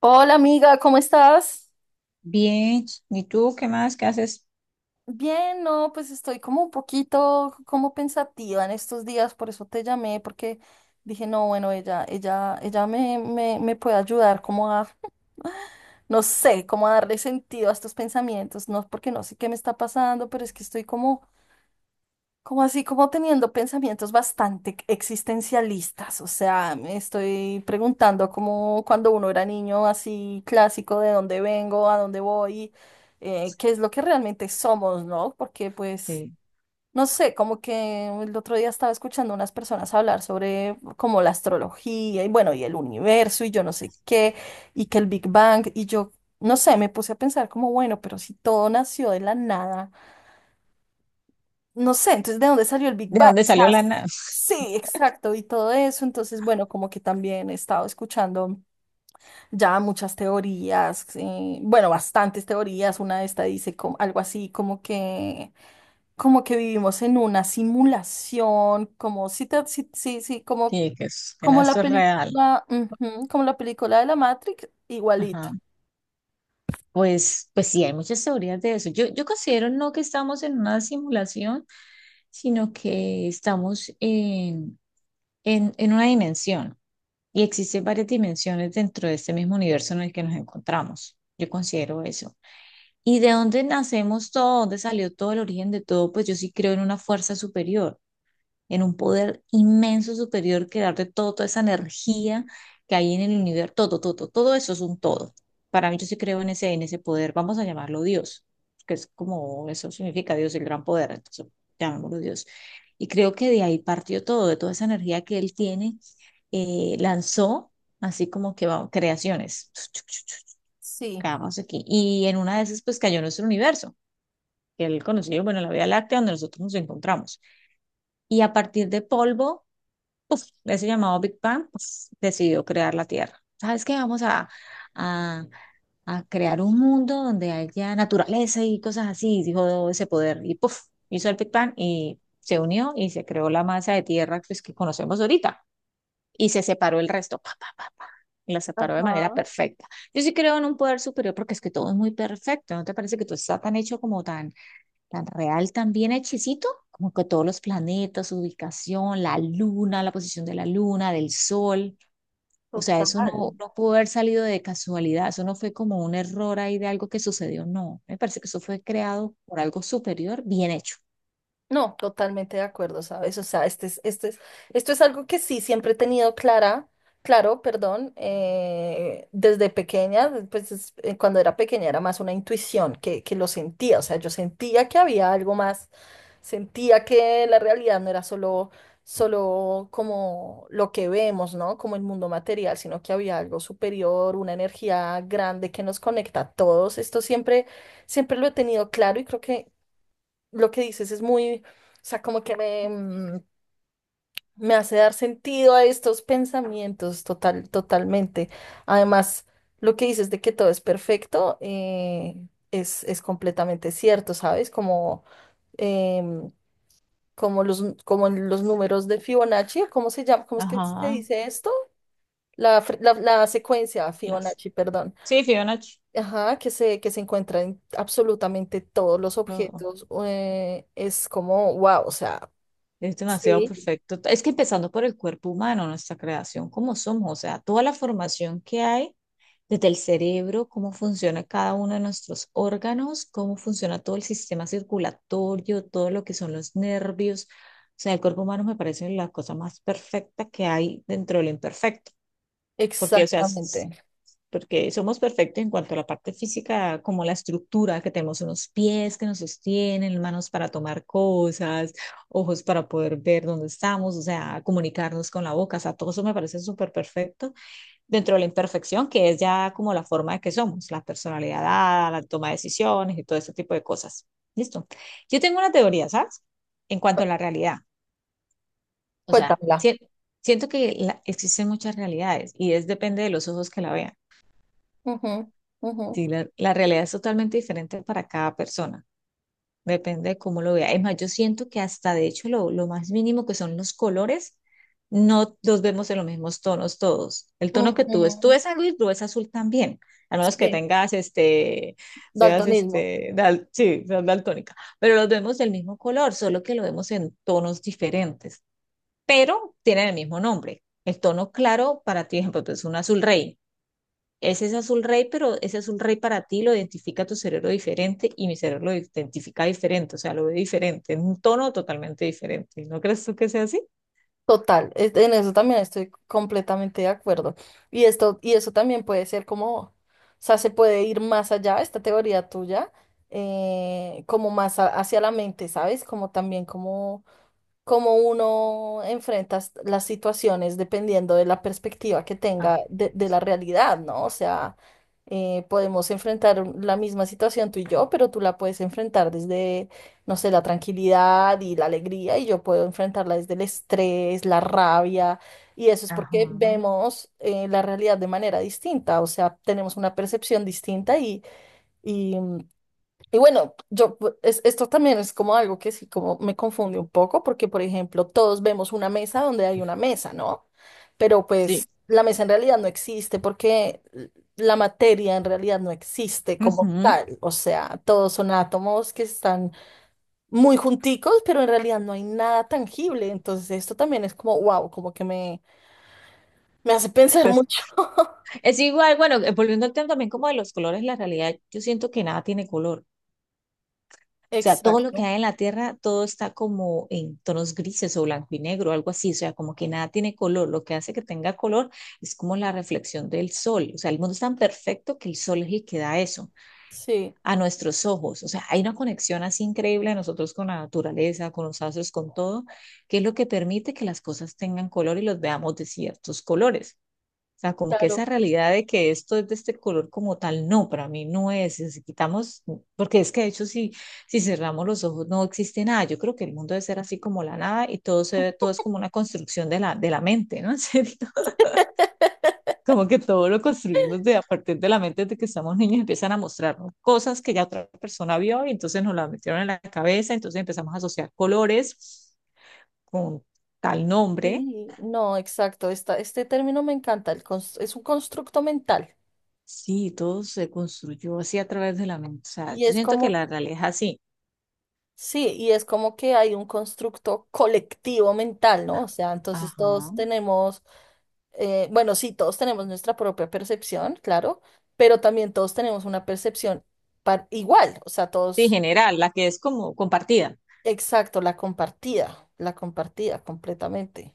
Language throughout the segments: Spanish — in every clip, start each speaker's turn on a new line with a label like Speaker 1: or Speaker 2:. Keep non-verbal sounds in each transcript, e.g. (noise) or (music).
Speaker 1: Hola amiga, ¿cómo estás?
Speaker 2: Bien, ¿y tú qué más? ¿Qué haces?
Speaker 1: Bien, no, pues estoy como un poquito como pensativa en estos días, por eso te llamé, porque dije, no, bueno, ella me puede ayudar como a, (laughs) no sé, como a darle sentido a estos pensamientos, no, porque no sé qué me está pasando, pero es que estoy como así, como teniendo pensamientos bastante existencialistas. O sea, me estoy preguntando como cuando uno era niño, así clásico: de dónde vengo, a dónde voy, qué es lo que realmente somos, ¿no? Porque pues,
Speaker 2: Sí.
Speaker 1: no sé, como que el otro día estaba escuchando unas personas hablar sobre como la astrología y bueno, y el universo y yo no sé qué, y que el Big Bang, y yo, no sé, me puse a pensar como, bueno, pero si todo nació de la nada, no sé, entonces, ¿de dónde salió el Big
Speaker 2: ¿De
Speaker 1: Bang? O
Speaker 2: dónde
Speaker 1: sea,
Speaker 2: salió la nave?
Speaker 1: sí, exacto, y todo eso. Entonces, bueno, como que también he estado escuchando ya muchas teorías, bueno, bastantes teorías. Una de estas dice algo así como que vivimos en una simulación, como sí, sí, sí, sí, como,
Speaker 2: Sí, que es, que nada,
Speaker 1: como la
Speaker 2: esto es real.
Speaker 1: película, ujú, como la película de la Matrix, igualito.
Speaker 2: Ajá. Pues sí, hay muchas teorías de eso. Yo considero no que estamos en una simulación, sino que estamos en una dimensión y existen varias dimensiones dentro de este mismo universo en el que nos encontramos. Yo considero eso. ¿Y de dónde nacemos todo? ¿Dónde salió todo el origen de todo? Pues yo sí creo en una fuerza superior, en un poder inmenso superior que darte todo, toda esa energía que hay en el universo, todo, todo, todo todo eso es un todo. Para mí yo sí creo en ese poder. Vamos a llamarlo Dios, que es como, eso significa Dios, el gran poder, entonces llamémoslo Dios. Y creo que de ahí partió todo, de toda esa energía que él tiene, lanzó así como que vamos, creaciones,
Speaker 1: Sí.
Speaker 2: quedamos aquí. Y en una de esas pues cayó nuestro universo, que él conoció, bueno, la Vía Láctea, donde nosotros nos encontramos. Y a partir de polvo uf, ese llamado Big Bang, pues, decidió crear la Tierra. ¿Sabes qué? Vamos a, a, a crear un mundo donde haya naturaleza y cosas así, dijo ese poder. Y puff, hizo el Big Bang y se unió y se creó la masa de tierra pues, que conocemos ahorita. Y se separó el resto, pa, pa, pa, pa, y la separó de manera
Speaker 1: Ajá,
Speaker 2: perfecta. Yo sí creo en un poder superior porque es que todo es muy perfecto. ¿No te parece que todo está tan hecho, como tan tan real, también bien, como que todos los planetas, su ubicación, la luna, la posición de la luna, del sol? O sea, eso
Speaker 1: total.
Speaker 2: no, no pudo haber salido de casualidad, eso no fue como un error ahí de algo que sucedió, no. Me parece que eso fue creado por algo superior, bien hecho.
Speaker 1: No, totalmente de acuerdo, ¿sabes? O sea, este es, esto es algo que sí siempre he tenido clara, claro, perdón, desde pequeña, pues cuando era pequeña era más una intuición que lo sentía, o sea, yo sentía que había algo más, sentía que la realidad no era solo como lo que vemos, ¿no? Como el mundo material, sino que había algo superior, una energía grande que nos conecta a todos. Esto siempre lo he tenido claro, y creo que lo que dices es muy, o sea, como que me hace dar sentido a estos pensamientos, totalmente. Además, lo que dices de que todo es perfecto, es completamente cierto, ¿sabes? Como, em, como los números de Fibonacci, ¿cómo se llama? ¿Cómo es que se
Speaker 2: Ajá.
Speaker 1: dice esto? La secuencia
Speaker 2: Las...
Speaker 1: Fibonacci, perdón.
Speaker 2: Sí, Fiona, ch-
Speaker 1: Ajá, que se encuentra en absolutamente todos los
Speaker 2: lo-
Speaker 1: objetos. Es como, wow, o sea.
Speaker 2: es demasiado
Speaker 1: Sí,
Speaker 2: perfecto. Es que empezando por el cuerpo humano, nuestra creación como somos, o sea, toda la formación que hay desde el cerebro, cómo funciona cada uno de nuestros órganos, cómo funciona todo el sistema circulatorio, todo lo que son los nervios. O sea, el cuerpo humano me parece la cosa más perfecta que hay dentro de lo imperfecto, porque, o sea, s-
Speaker 1: exactamente.
Speaker 2: porque somos perfectos en cuanto a la parte física, como la estructura, que tenemos unos pies que nos sostienen, manos para tomar cosas, ojos para poder ver dónde estamos, o sea, comunicarnos con la boca, o sea, todo eso me parece súper perfecto dentro de la imperfección, que es ya como la forma de que somos, la personalidad dada, la toma de decisiones y todo ese tipo de cosas. Listo. Yo tengo una teoría, ¿sabes? En cuanto
Speaker 1: Cu-
Speaker 2: a la realidad. O sea,
Speaker 1: Cuéntamela.
Speaker 2: si- siento que la- existen muchas realidades y es depende de los ojos que la vean.
Speaker 1: Ujú, ujú,
Speaker 2: Sí, la realidad es totalmente diferente para cada persona. Depende de cómo lo vea. Es más, yo siento que hasta de hecho lo más mínimo que son los colores, no los vemos en los mismos tonos todos. El tono que tú
Speaker 1: ujú.
Speaker 2: ves algo y tú ves azul también, a menos que
Speaker 1: Sí,
Speaker 2: tengas este, seas
Speaker 1: daltonismo.
Speaker 2: este, dal- sí, seas daltónica, pero los vemos del mismo color, solo que lo vemos en tonos diferentes, pero tienen el mismo nombre. El tono claro para ti, por ejemplo, es un azul rey, ese es azul rey, pero ese azul rey para ti lo identifica tu cerebro diferente y mi cerebro lo identifica diferente, o sea, lo ve diferente, en un tono totalmente diferente. ¿No crees tú que sea así?
Speaker 1: Total, en eso también estoy completamente de acuerdo. Y esto, y eso también puede ser como, o sea, se puede ir más allá, esta teoría tuya, como más hacia la mente, ¿sabes? Como también como cómo uno enfrenta las situaciones dependiendo de la perspectiva que tenga
Speaker 2: Ah,
Speaker 1: de la realidad, ¿no? O sea, podemos enfrentar la misma situación tú y yo, pero tú la puedes enfrentar desde, no sé, la tranquilidad y la alegría, y yo puedo enfrentarla desde el estrés, la rabia, y eso es porque
Speaker 2: ajá.
Speaker 1: vemos, la realidad de manera distinta, o sea, tenemos una percepción distinta y bueno. Yo, pues, esto también es como algo que sí, como me confunde un poco, porque por ejemplo, todos vemos una mesa donde hay una mesa, ¿no? Pero pues
Speaker 2: Sí.
Speaker 1: la mesa en realidad no existe porque la materia en realidad no existe como
Speaker 2: Ujú.
Speaker 1: tal. O sea, todos son átomos que están muy junticos, pero en realidad no hay nada tangible. Entonces esto también es como, wow, como que me hace pensar
Speaker 2: Pues,
Speaker 1: mucho. (laughs)
Speaker 2: es igual, bueno, volviendo al tema también como de los colores, la realidad, yo siento que nada tiene color. O sea, todo lo que
Speaker 1: Exacto.
Speaker 2: hay en la tierra, todo está como en tonos grises o blanco y negro, algo así. O sea, como que nada tiene color. Lo que hace que tenga color es como la reflexión del sol. O sea, el mundo es tan perfecto que el sol es el que da eso
Speaker 1: Sí,
Speaker 2: a nuestros ojos. O sea, hay una conexión así increíble de nosotros con la naturaleza, con los astros, con todo, que es lo que permite que las cosas tengan color y los veamos de ciertos colores. O sea, como que esa
Speaker 1: claro.
Speaker 2: realidad de que esto es de este color como tal, no, para mí no es. Si quitamos, porque es que de hecho si, si cerramos los ojos no existe nada. Yo creo que el mundo debe ser así como la nada, y todo, se, todo es como una construcción de la mente, ¿no? (laughs) En serio. Como que todo lo construimos de a partir de la mente de que estamos niños, empiezan a mostrarnos cosas que ya otra persona vio y entonces nos las metieron en la cabeza, entonces empezamos a asociar colores con tal nombre.
Speaker 1: Sí, no, exacto. Esta, este término me encanta. Es un constructo mental.
Speaker 2: Sí, todo se construyó así a través de la mente. O sea,
Speaker 1: Y
Speaker 2: yo
Speaker 1: es
Speaker 2: siento que
Speaker 1: como,
Speaker 2: la realidad es así.
Speaker 1: sí, y es como que hay un constructo colectivo mental, ¿no? O sea, entonces
Speaker 2: Ajá.
Speaker 1: todos tenemos, bueno, sí, todos tenemos nuestra propia percepción, claro, pero también todos tenemos una percepción igual. O sea,
Speaker 2: Sí,
Speaker 1: todos,
Speaker 2: general, la que es como compartida.
Speaker 1: exacto, la compartida completamente.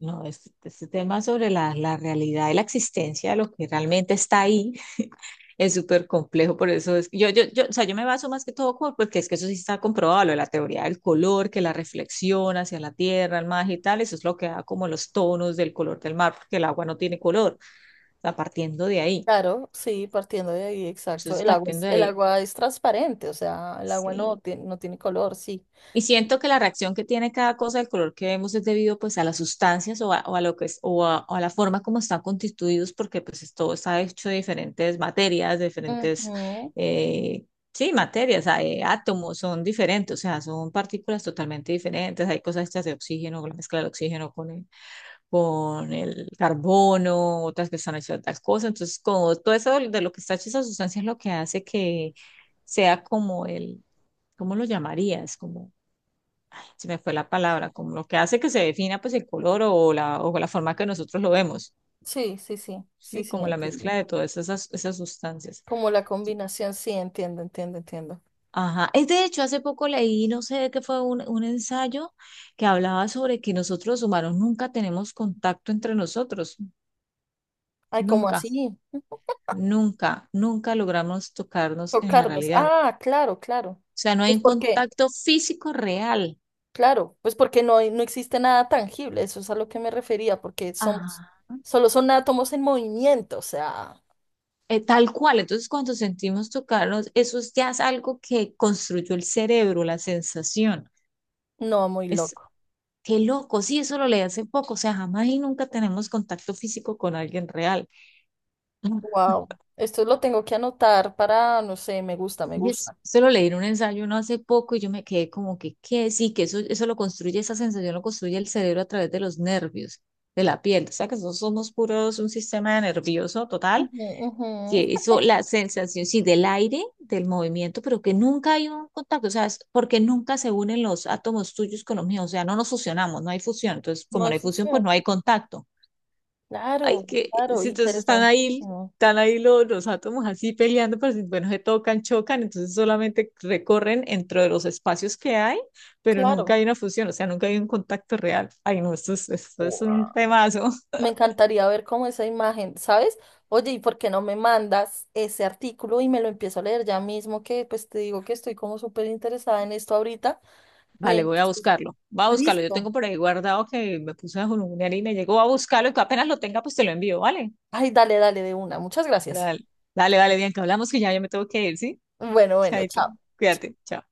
Speaker 2: No, este tema sobre la realidad y la existencia de lo que realmente está ahí (laughs) es súper complejo, por eso es que yo, o sea, yo me baso más que todo por, porque es que eso sí está comprobado, lo de la teoría del color, que la reflexión hacia la tierra, el mar y tal, eso es lo que da como los tonos del color del mar, porque el agua no tiene color, o sea, partiendo de ahí.
Speaker 1: Claro, sí, partiendo de ahí, exacto.
Speaker 2: Entonces,
Speaker 1: El agua es,
Speaker 2: partiendo de
Speaker 1: el
Speaker 2: ahí,
Speaker 1: agua es transparente, o sea, el agua no
Speaker 2: sí,
Speaker 1: tiene, no tiene color, sí.
Speaker 2: y siento que la reacción que tiene cada cosa del color que vemos es debido pues a las sustancias o a lo que es, o a la forma como están constituidos, porque pues es- todo está hecho de diferentes materias, de diferentes,
Speaker 1: Ujú.
Speaker 2: eh, sí, materias, hay átomos son diferentes, o sea, son partículas totalmente diferentes, hay cosas hechas de oxígeno, la mezcla del oxígeno con el carbono, otras que están hechas de otras cosas, entonces como todo eso de lo que está hecho esa sustancia es lo que hace que sea como el, ¿cómo lo llamarías? Como se me fue la palabra, como lo que hace que se defina pues el color o la forma que nosotros lo vemos,
Speaker 1: Sí, sí, sí, sí,
Speaker 2: ¿sí?
Speaker 1: sí,
Speaker 2: Como la
Speaker 1: entiendo.
Speaker 2: mezcla de todas esas, esas sustancias.
Speaker 1: Como la combinación, sí, entiendo, entiendo, entiendo.
Speaker 2: Ajá, es de hecho, hace poco leí, no sé de qué fue un ensayo que hablaba sobre que nosotros los humanos nunca tenemos contacto entre nosotros,
Speaker 1: Ay, ¿cómo
Speaker 2: nunca,
Speaker 1: así?
Speaker 2: nunca, nunca logramos tocarnos en la
Speaker 1: Tocarlos.
Speaker 2: realidad.
Speaker 1: Ah, claro, claro.
Speaker 2: O sea, no hay
Speaker 1: Pues
Speaker 2: un
Speaker 1: porque,
Speaker 2: contacto físico real.
Speaker 1: claro, pues porque no, no existe nada tangible, eso es a lo que me refería, porque somos,
Speaker 2: Ajá.
Speaker 1: solo son átomos en movimiento, o sea,
Speaker 2: Tal cual, entonces cuando sentimos tocarnos, eso es- ya es algo que construyó el cerebro, la sensación.
Speaker 1: no, muy
Speaker 2: Es
Speaker 1: loco.
Speaker 2: qué loco, sí, eso lo leí hace poco, o sea, jamás y nunca tenemos contacto físico con alguien real. Ah,
Speaker 1: Wow, esto lo tengo que anotar para, no sé, me gusta, me
Speaker 2: y es-
Speaker 1: gusta.
Speaker 2: eso lo leí en un ensayo no hace poco y yo me quedé como que, ¿qué? Sí, que eso lo construye, esa sensación lo construye el cerebro a través de los nervios, de la piel. O sea, que nosotros somos puros un sistema nervioso total,
Speaker 1: Ujú, ujú.
Speaker 2: que eso, la sensación, sí, del aire, del movimiento, pero que nunca hay un contacto, o sea, es porque nunca se unen los átomos tuyos con los míos, o sea, no nos fusionamos, no hay fusión, entonces
Speaker 1: No
Speaker 2: como
Speaker 1: hay
Speaker 2: no hay fusión, pues
Speaker 1: función.
Speaker 2: no hay contacto.
Speaker 1: Claro,
Speaker 2: Ay, que,
Speaker 1: claro,
Speaker 2: sí, entonces
Speaker 1: interesantísimo.
Speaker 2: están ahí los átomos así peleando, pero si, bueno, se tocan, chocan, entonces solamente recorren entre los espacios que hay, pero nunca
Speaker 1: Claro.
Speaker 2: hay una fusión, o sea, nunca hay un contacto real. Ay, no, esto es
Speaker 1: Wow.
Speaker 2: un temazo.
Speaker 1: Me encantaría ver cómo esa imagen, ¿sabes? Oye, ¿y por qué no me mandas ese artículo y me lo empiezo a leer ya mismo? Que pues te digo que estoy como súper interesada en esto ahorita. Me...
Speaker 2: Vale, voy a buscarlo. Va a buscarlo. Yo tengo
Speaker 1: Listo.
Speaker 2: por ahí guardado que me puse a julunear y me llegó a buscarlo, y que apenas lo tenga, pues te lo envío, ¿vale?
Speaker 1: Ay, dale, dale de una. Muchas gracias.
Speaker 2: Dale, dale, dale, Bianca. Hablamos, que ya yo me tengo que ir, ¿sí?
Speaker 1: Bueno, bueno,
Speaker 2: Chaito.
Speaker 1: chao.
Speaker 2: Cuídate. Chao.